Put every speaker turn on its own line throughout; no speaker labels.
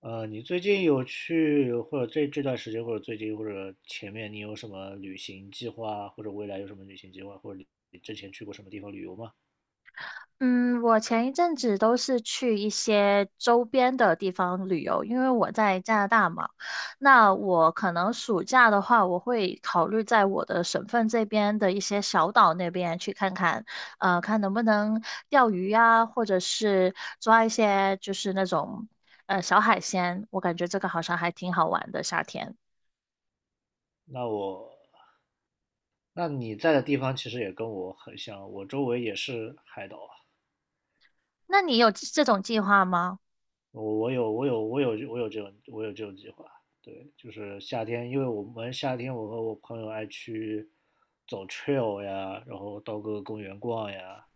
你最近有去，或者这段时间，或者最近，或者前面，你有什么旅行计划，或者未来有什么旅行计划，或者你之前去过什么地方旅游吗？
嗯，我前一阵子都是去一些周边的地方旅游，因为我在加拿大嘛。那我可能暑假的话，我会考虑在我的省份这边的一些小岛那边去看看，看能不能钓鱼呀，或者是抓一些就是那种小海鲜。我感觉这个好像还挺好玩的，夏天。
那我，那你在的地方其实也跟我很像，我周围也是海岛啊。
那你有这种计划吗？
我有这种计划，对，就是夏天，因为我们夏天我和我朋友爱去走 trail 呀，然后到各个公园逛呀，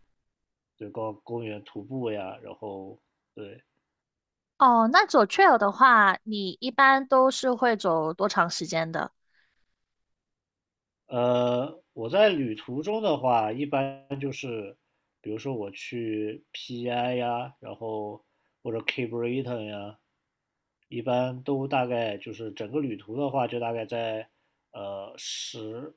对，逛公园徒步呀，然后对，
哦，那走 trail 的话，你一般都是会走多长时间的？
我在旅途中的话，一般就是比如说我去 PI 呀，然后或者 K. a b r i t o n 呀，一般都大概就是整个旅途的话，就大概在呃十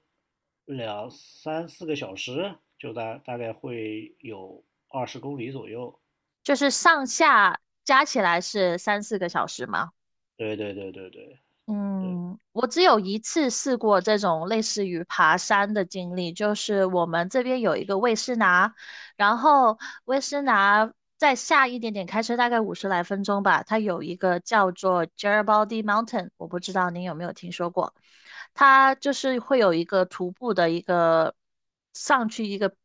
两三四个小时，就大概会有20公里左右。
就是上下加起来是三四个小时吗？
对对对对对，
嗯，我只有一次试过这种类似于爬山的经历，就是我们这边有一个魏斯拿，然后魏斯拿再下一点点，开车大概50来分钟吧，它有一个叫做 Geribody Mountain,我不知道您有没有听说过，它就是会有一个徒步的一个上去一个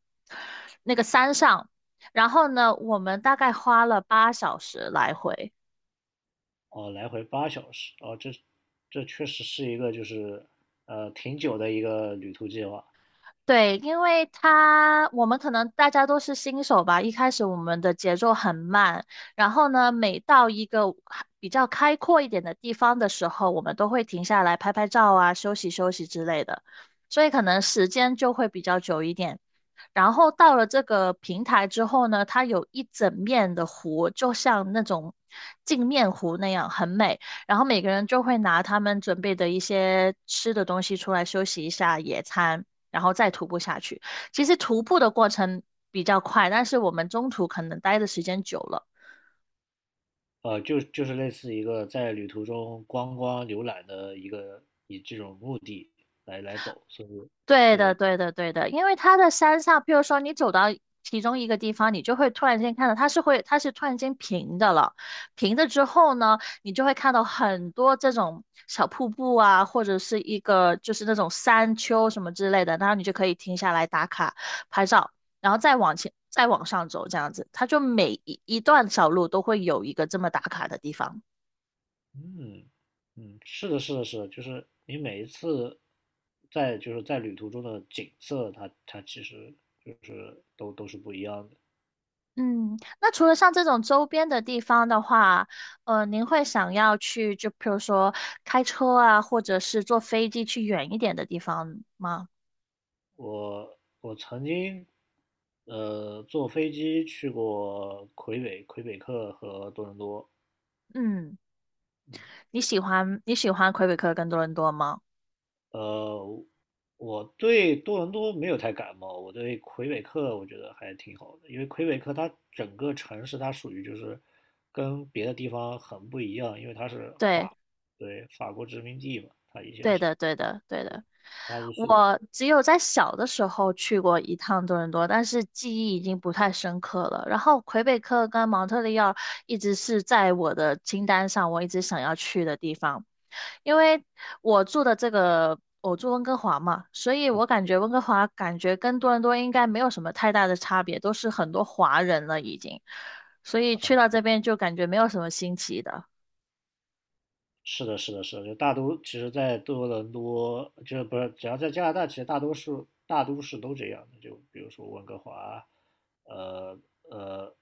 那个山上，然后呢，我们大概花了8小时来回。
哦，来回8小时，哦，这确实是一个就是挺久的一个旅途计划。
对，因为他我们可能大家都是新手吧，一开始我们的节奏很慢，然后呢，每到一个比较开阔一点的地方的时候，我们都会停下来拍拍照啊，休息休息之类的，所以可能时间就会比较久一点。然后到了这个平台之后呢，它有一整面的湖，就像那种镜面湖那样，很美。然后每个人就会拿他们准备的一些吃的东西出来休息一下野餐。然后再徒步下去。其实徒步的过程比较快，但是我们中途可能待的时间久了。
就是类似一个在旅途中观光浏览的一个以这种目的来走，所以
对的，对的，对的，因为它的山上，譬如说你走到其中一个地方，你就会突然间看到它是突然间平的了。平的之后呢，你就会看到很多这种小瀑布啊，或者是一个就是那种山丘什么之类的，然后你就可以停下来打卡拍照，然后再往前，再往上走，这样子，它就每一段小路都会有一个这么打卡的地方。
嗯嗯，是的，是的，是的，就是你每一次在就是在旅途中的景色，它其实就是都是不一样的。
嗯，那除了像这种周边的地方的话，您会想要去，就比如说开车啊，或者是坐飞机去远一点的地方吗？
我曾经坐飞机去过魁北克和多伦多，
嗯，
嗯，
你喜欢魁北克跟多伦多吗？
呃，我对多伦多没有太感冒，我对魁北克我觉得还挺好的，因为魁北克它整个城市它属于就是跟别的地方很不一样，因为它是
对。
对，法国殖民地嘛，它以前
对
是，
的，对的，对的。
它就是
我只有在小的时候去过一趟多伦多，但是记忆已经不太深刻了。然后魁北克跟蒙特利尔一直是在我的清单上，我一直想要去的地方。因为我住的这个，我住温哥华嘛，所以我感觉温哥华感觉跟多伦多应该没有什么太大的差别，都是很多华人了已经，所以去到这边就感觉没有什么新奇的。
是的，是的，是的，就大都，其实，在多伦多，就是不是，只要在加拿大，其实大多数大都市都这样的。就比如说温哥华，呃呃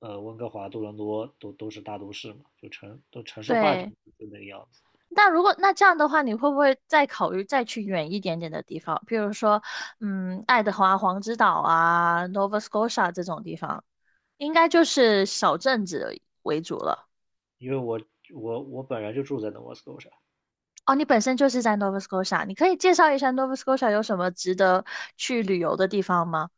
温哥华、多伦多都是大都市嘛，就城市化就
对。
就那个样子。
那如果那这样的话，你会不会再考虑再去远一点点的地方，比如说，嗯，爱德华黄之岛啊，Nova Scotia 这种地方，应该就是小镇子为主了。
因为我本人就住在 Nova Scotia,
哦，你本身就是在 Nova Scotia,你可以介绍一下 Nova Scotia 有什么值得去旅游的地方吗？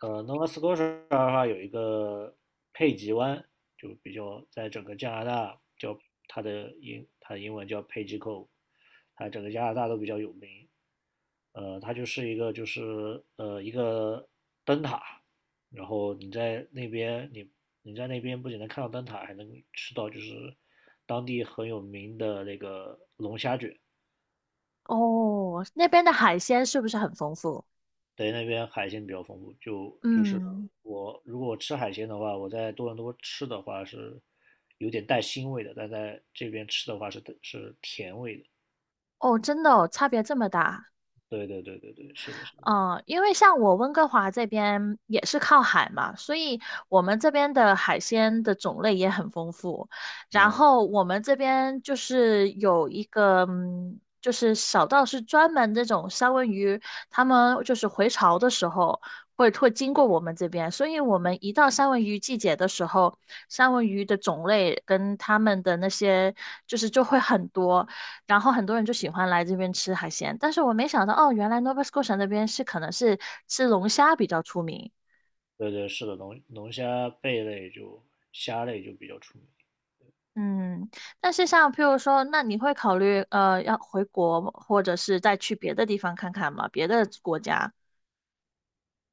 Nova Scotia 的话有一个佩吉湾，就比较在整个加拿大叫它的英文叫 Page Cove,它整个加拿大都比较有名。它就是一个就是一个灯塔，然后你在那边不仅能看到灯塔，还能吃到就是当地很有名的那个龙虾卷，
哦，那边的海鲜是不是很丰富？
等于那边海鲜比较丰富，就是
嗯，
如果我吃海鲜的话，我在多伦多吃的话是有点带腥味的，但在这边吃的话是甜味的。
哦，真的哦，差别这么大。
对对对对对，是的，是的，
嗯，因为像我温哥华这边也是靠海嘛，所以我们这边的海鲜的种类也很丰富。然后我们这边就是有一个，嗯，就是小到是专门这种三文鱼，他们就是回潮的时候会经过我们这边，所以我们一到三文鱼季节的时候，三文鱼的种类跟他们的那些就是就会很多。然后很多人就喜欢来这边吃海鲜，但是我没想到哦，原来 Nova Scotia 那边是可能是吃龙虾比较出名。
对对是的，龙虾贝类就虾类就比较出名。
嗯，但是像譬如说，那你会考虑要回国，或者是再去别的地方看看吗？别的国家？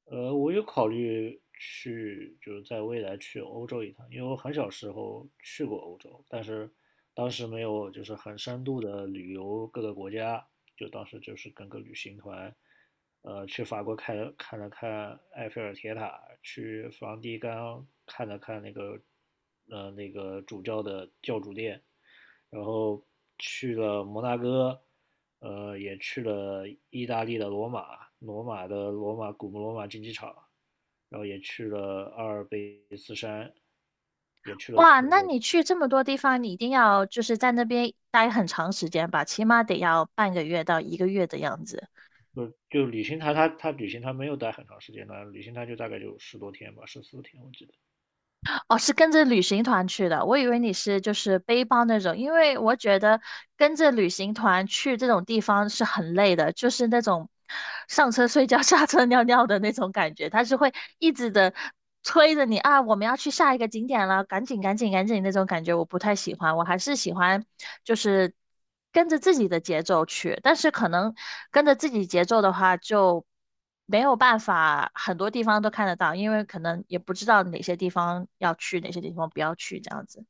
我有考虑去，就是在未来去欧洲一趟，因为我很小时候去过欧洲，但是当时没有就是很深度的旅游各个国家，就当时就是跟个旅行团，去法国看看了看埃菲尔铁塔，去梵蒂冈看了看那个，那个主教的教主殿，然后去了摩纳哥，也去了意大利的罗马，古罗马竞技场，然后也去了阿尔卑斯山，也去了
哇，
那
那
个
你去这么多地方，你一定要就是在那边待很长时间吧，起码得要半个月到1个月的样子。
就旅行团旅行团没有待很长时间呢，旅行团就大概就10多天吧，14天我记得。
哦，是跟着旅行团去的，我以为你是就是背包那种，因为我觉得跟着旅行团去这种地方是很累的，就是那种上车睡觉、下车尿尿的那种感觉，他是会一直的催着你啊，我们要去下一个景点了，赶紧、赶紧、赶紧那种感觉，我不太喜欢，我还是喜欢就是跟着自己的节奏去，但是可能跟着自己节奏的话就。没有办法，很多地方都看得到，因为可能也不知道哪些地方要去，哪些地方不要去，这样子。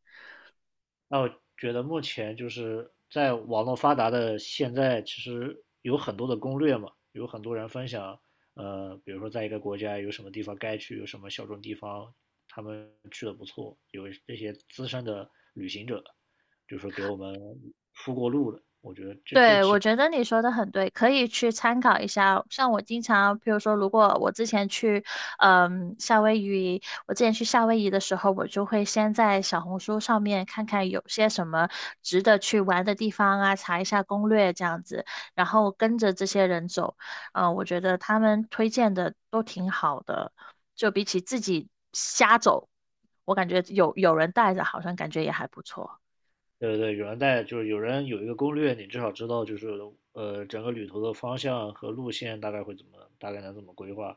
那我觉得目前就是在网络发达的现在，其实有很多的攻略嘛，有很多人分享，比如说在一个国家有什么地方该去，有什么小众地方，他们去的不错，有这些资深的旅行者，就是给我们铺过路的。
对，我觉得你说的很对，可以去参考一下。像我经常，比如说，如果我之前去，嗯，夏威夷，我之前去夏威夷的时候，我就会先在小红书上面看看有些什么值得去玩的地方啊，查一下攻略这样子，然后跟着这些人走。嗯，我觉得他们推荐的都挺好的，就比起自己瞎走，我感觉有人带着，好像感觉也还不错。
对对，对，有人带，就是有人有一个攻略，你至少知道就是整个旅途的方向和路线大概会怎么，大概能怎么规划。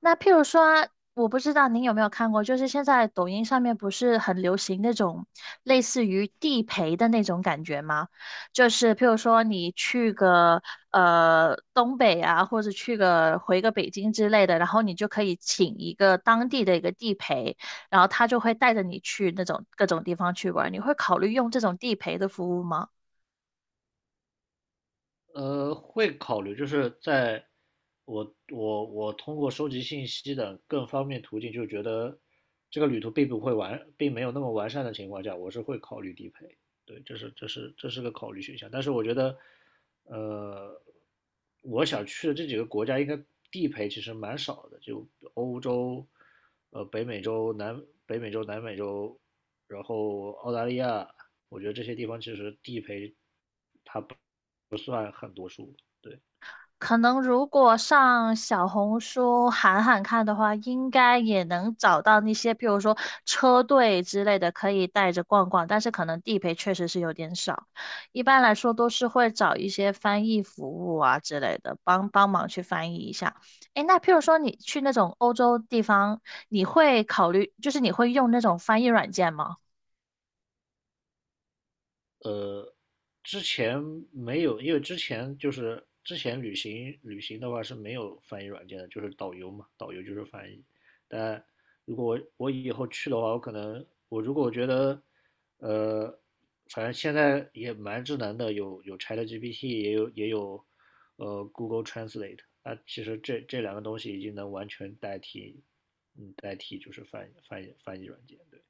那譬如说啊，我不知道您有没有看过，就是现在抖音上面不是很流行那种类似于地陪的那种感觉吗？就是譬如说你去个东北啊，或者回个北京之类的，然后你就可以请一个当地的一个地陪，然后他就会带着你去那种各种地方去玩。你会考虑用这种地陪的服务吗？
会考虑，就是在我通过收集信息的更方便途径，就觉得这个旅途并没有那么完善的情况下，我是会考虑地陪。对，这是个考虑选项。但是我觉得，呃，我想去的这几个国家应该地陪其实蛮少的，就欧洲、北美洲、北美洲、南美洲，然后澳大利亚，我觉得这些地方其实地陪很多数。对，
可能如果上小红书喊喊看的话，应该也能找到那些，譬如说车队之类的，可以带着逛逛。但是可能地陪确实是有点少，一般来说都是会找一些翻译服务啊之类的，帮帮忙去翻译一下。诶，那譬如说你去那种欧洲地方，你会考虑，就是你会用那种翻译软件吗？
之前没有，因为之前就是之前旅行的话是没有翻译软件的，就是导游嘛，导游就是翻译。但如果我以后去的话，我可能我如果我觉得，呃，反正现在也蛮智能的，有 ChatGPT,也有Google Translate,那其实这两个东西已经能完全代替，嗯，代替就是翻译软件，对。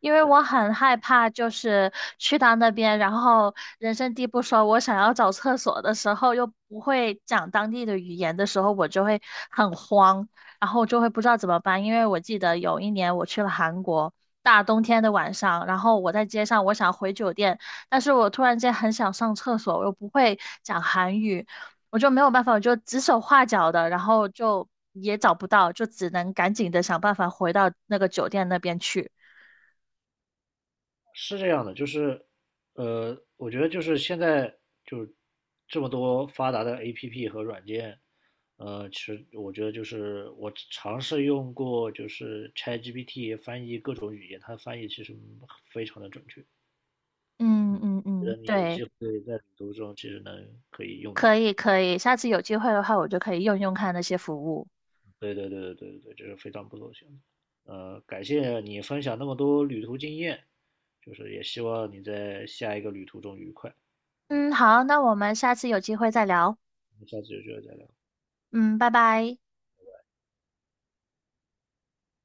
因为我很害怕，就是去到那边，然后人生地不熟，我想要找厕所的时候又不会讲当地的语言的时候，我就会很慌，然后就会不知道怎么办。因为我记得有一年我去了韩国，大冬天的晚上，然后我在街上，我想回酒店，但是我突然间很想上厕所，我又不会讲韩语，我就没有办法，我就指手画脚的，然后就也找不到，就只能赶紧的想办法回到那个酒店那边去。
是这样的，就是，我觉得就是现在就是这么多发达的 APP 和软件，其实我觉得就是我尝试用过就是 ChatGPT 翻译各种语言，它翻译其实非常的准确。
嗯
嗯，
嗯
觉
嗯，
得你有
对，
机会在旅途中其实能可以用
可
到。
以可以，下次有机会的话，我就可以用用看那些服务。
对对对对对对，这是非常不错的选择。感谢你分享那么多旅途经验，就是也希望你在下一个旅途中愉快。
嗯，好，那我们下次有机会再聊。
我们下次有机会再聊。
嗯，拜拜。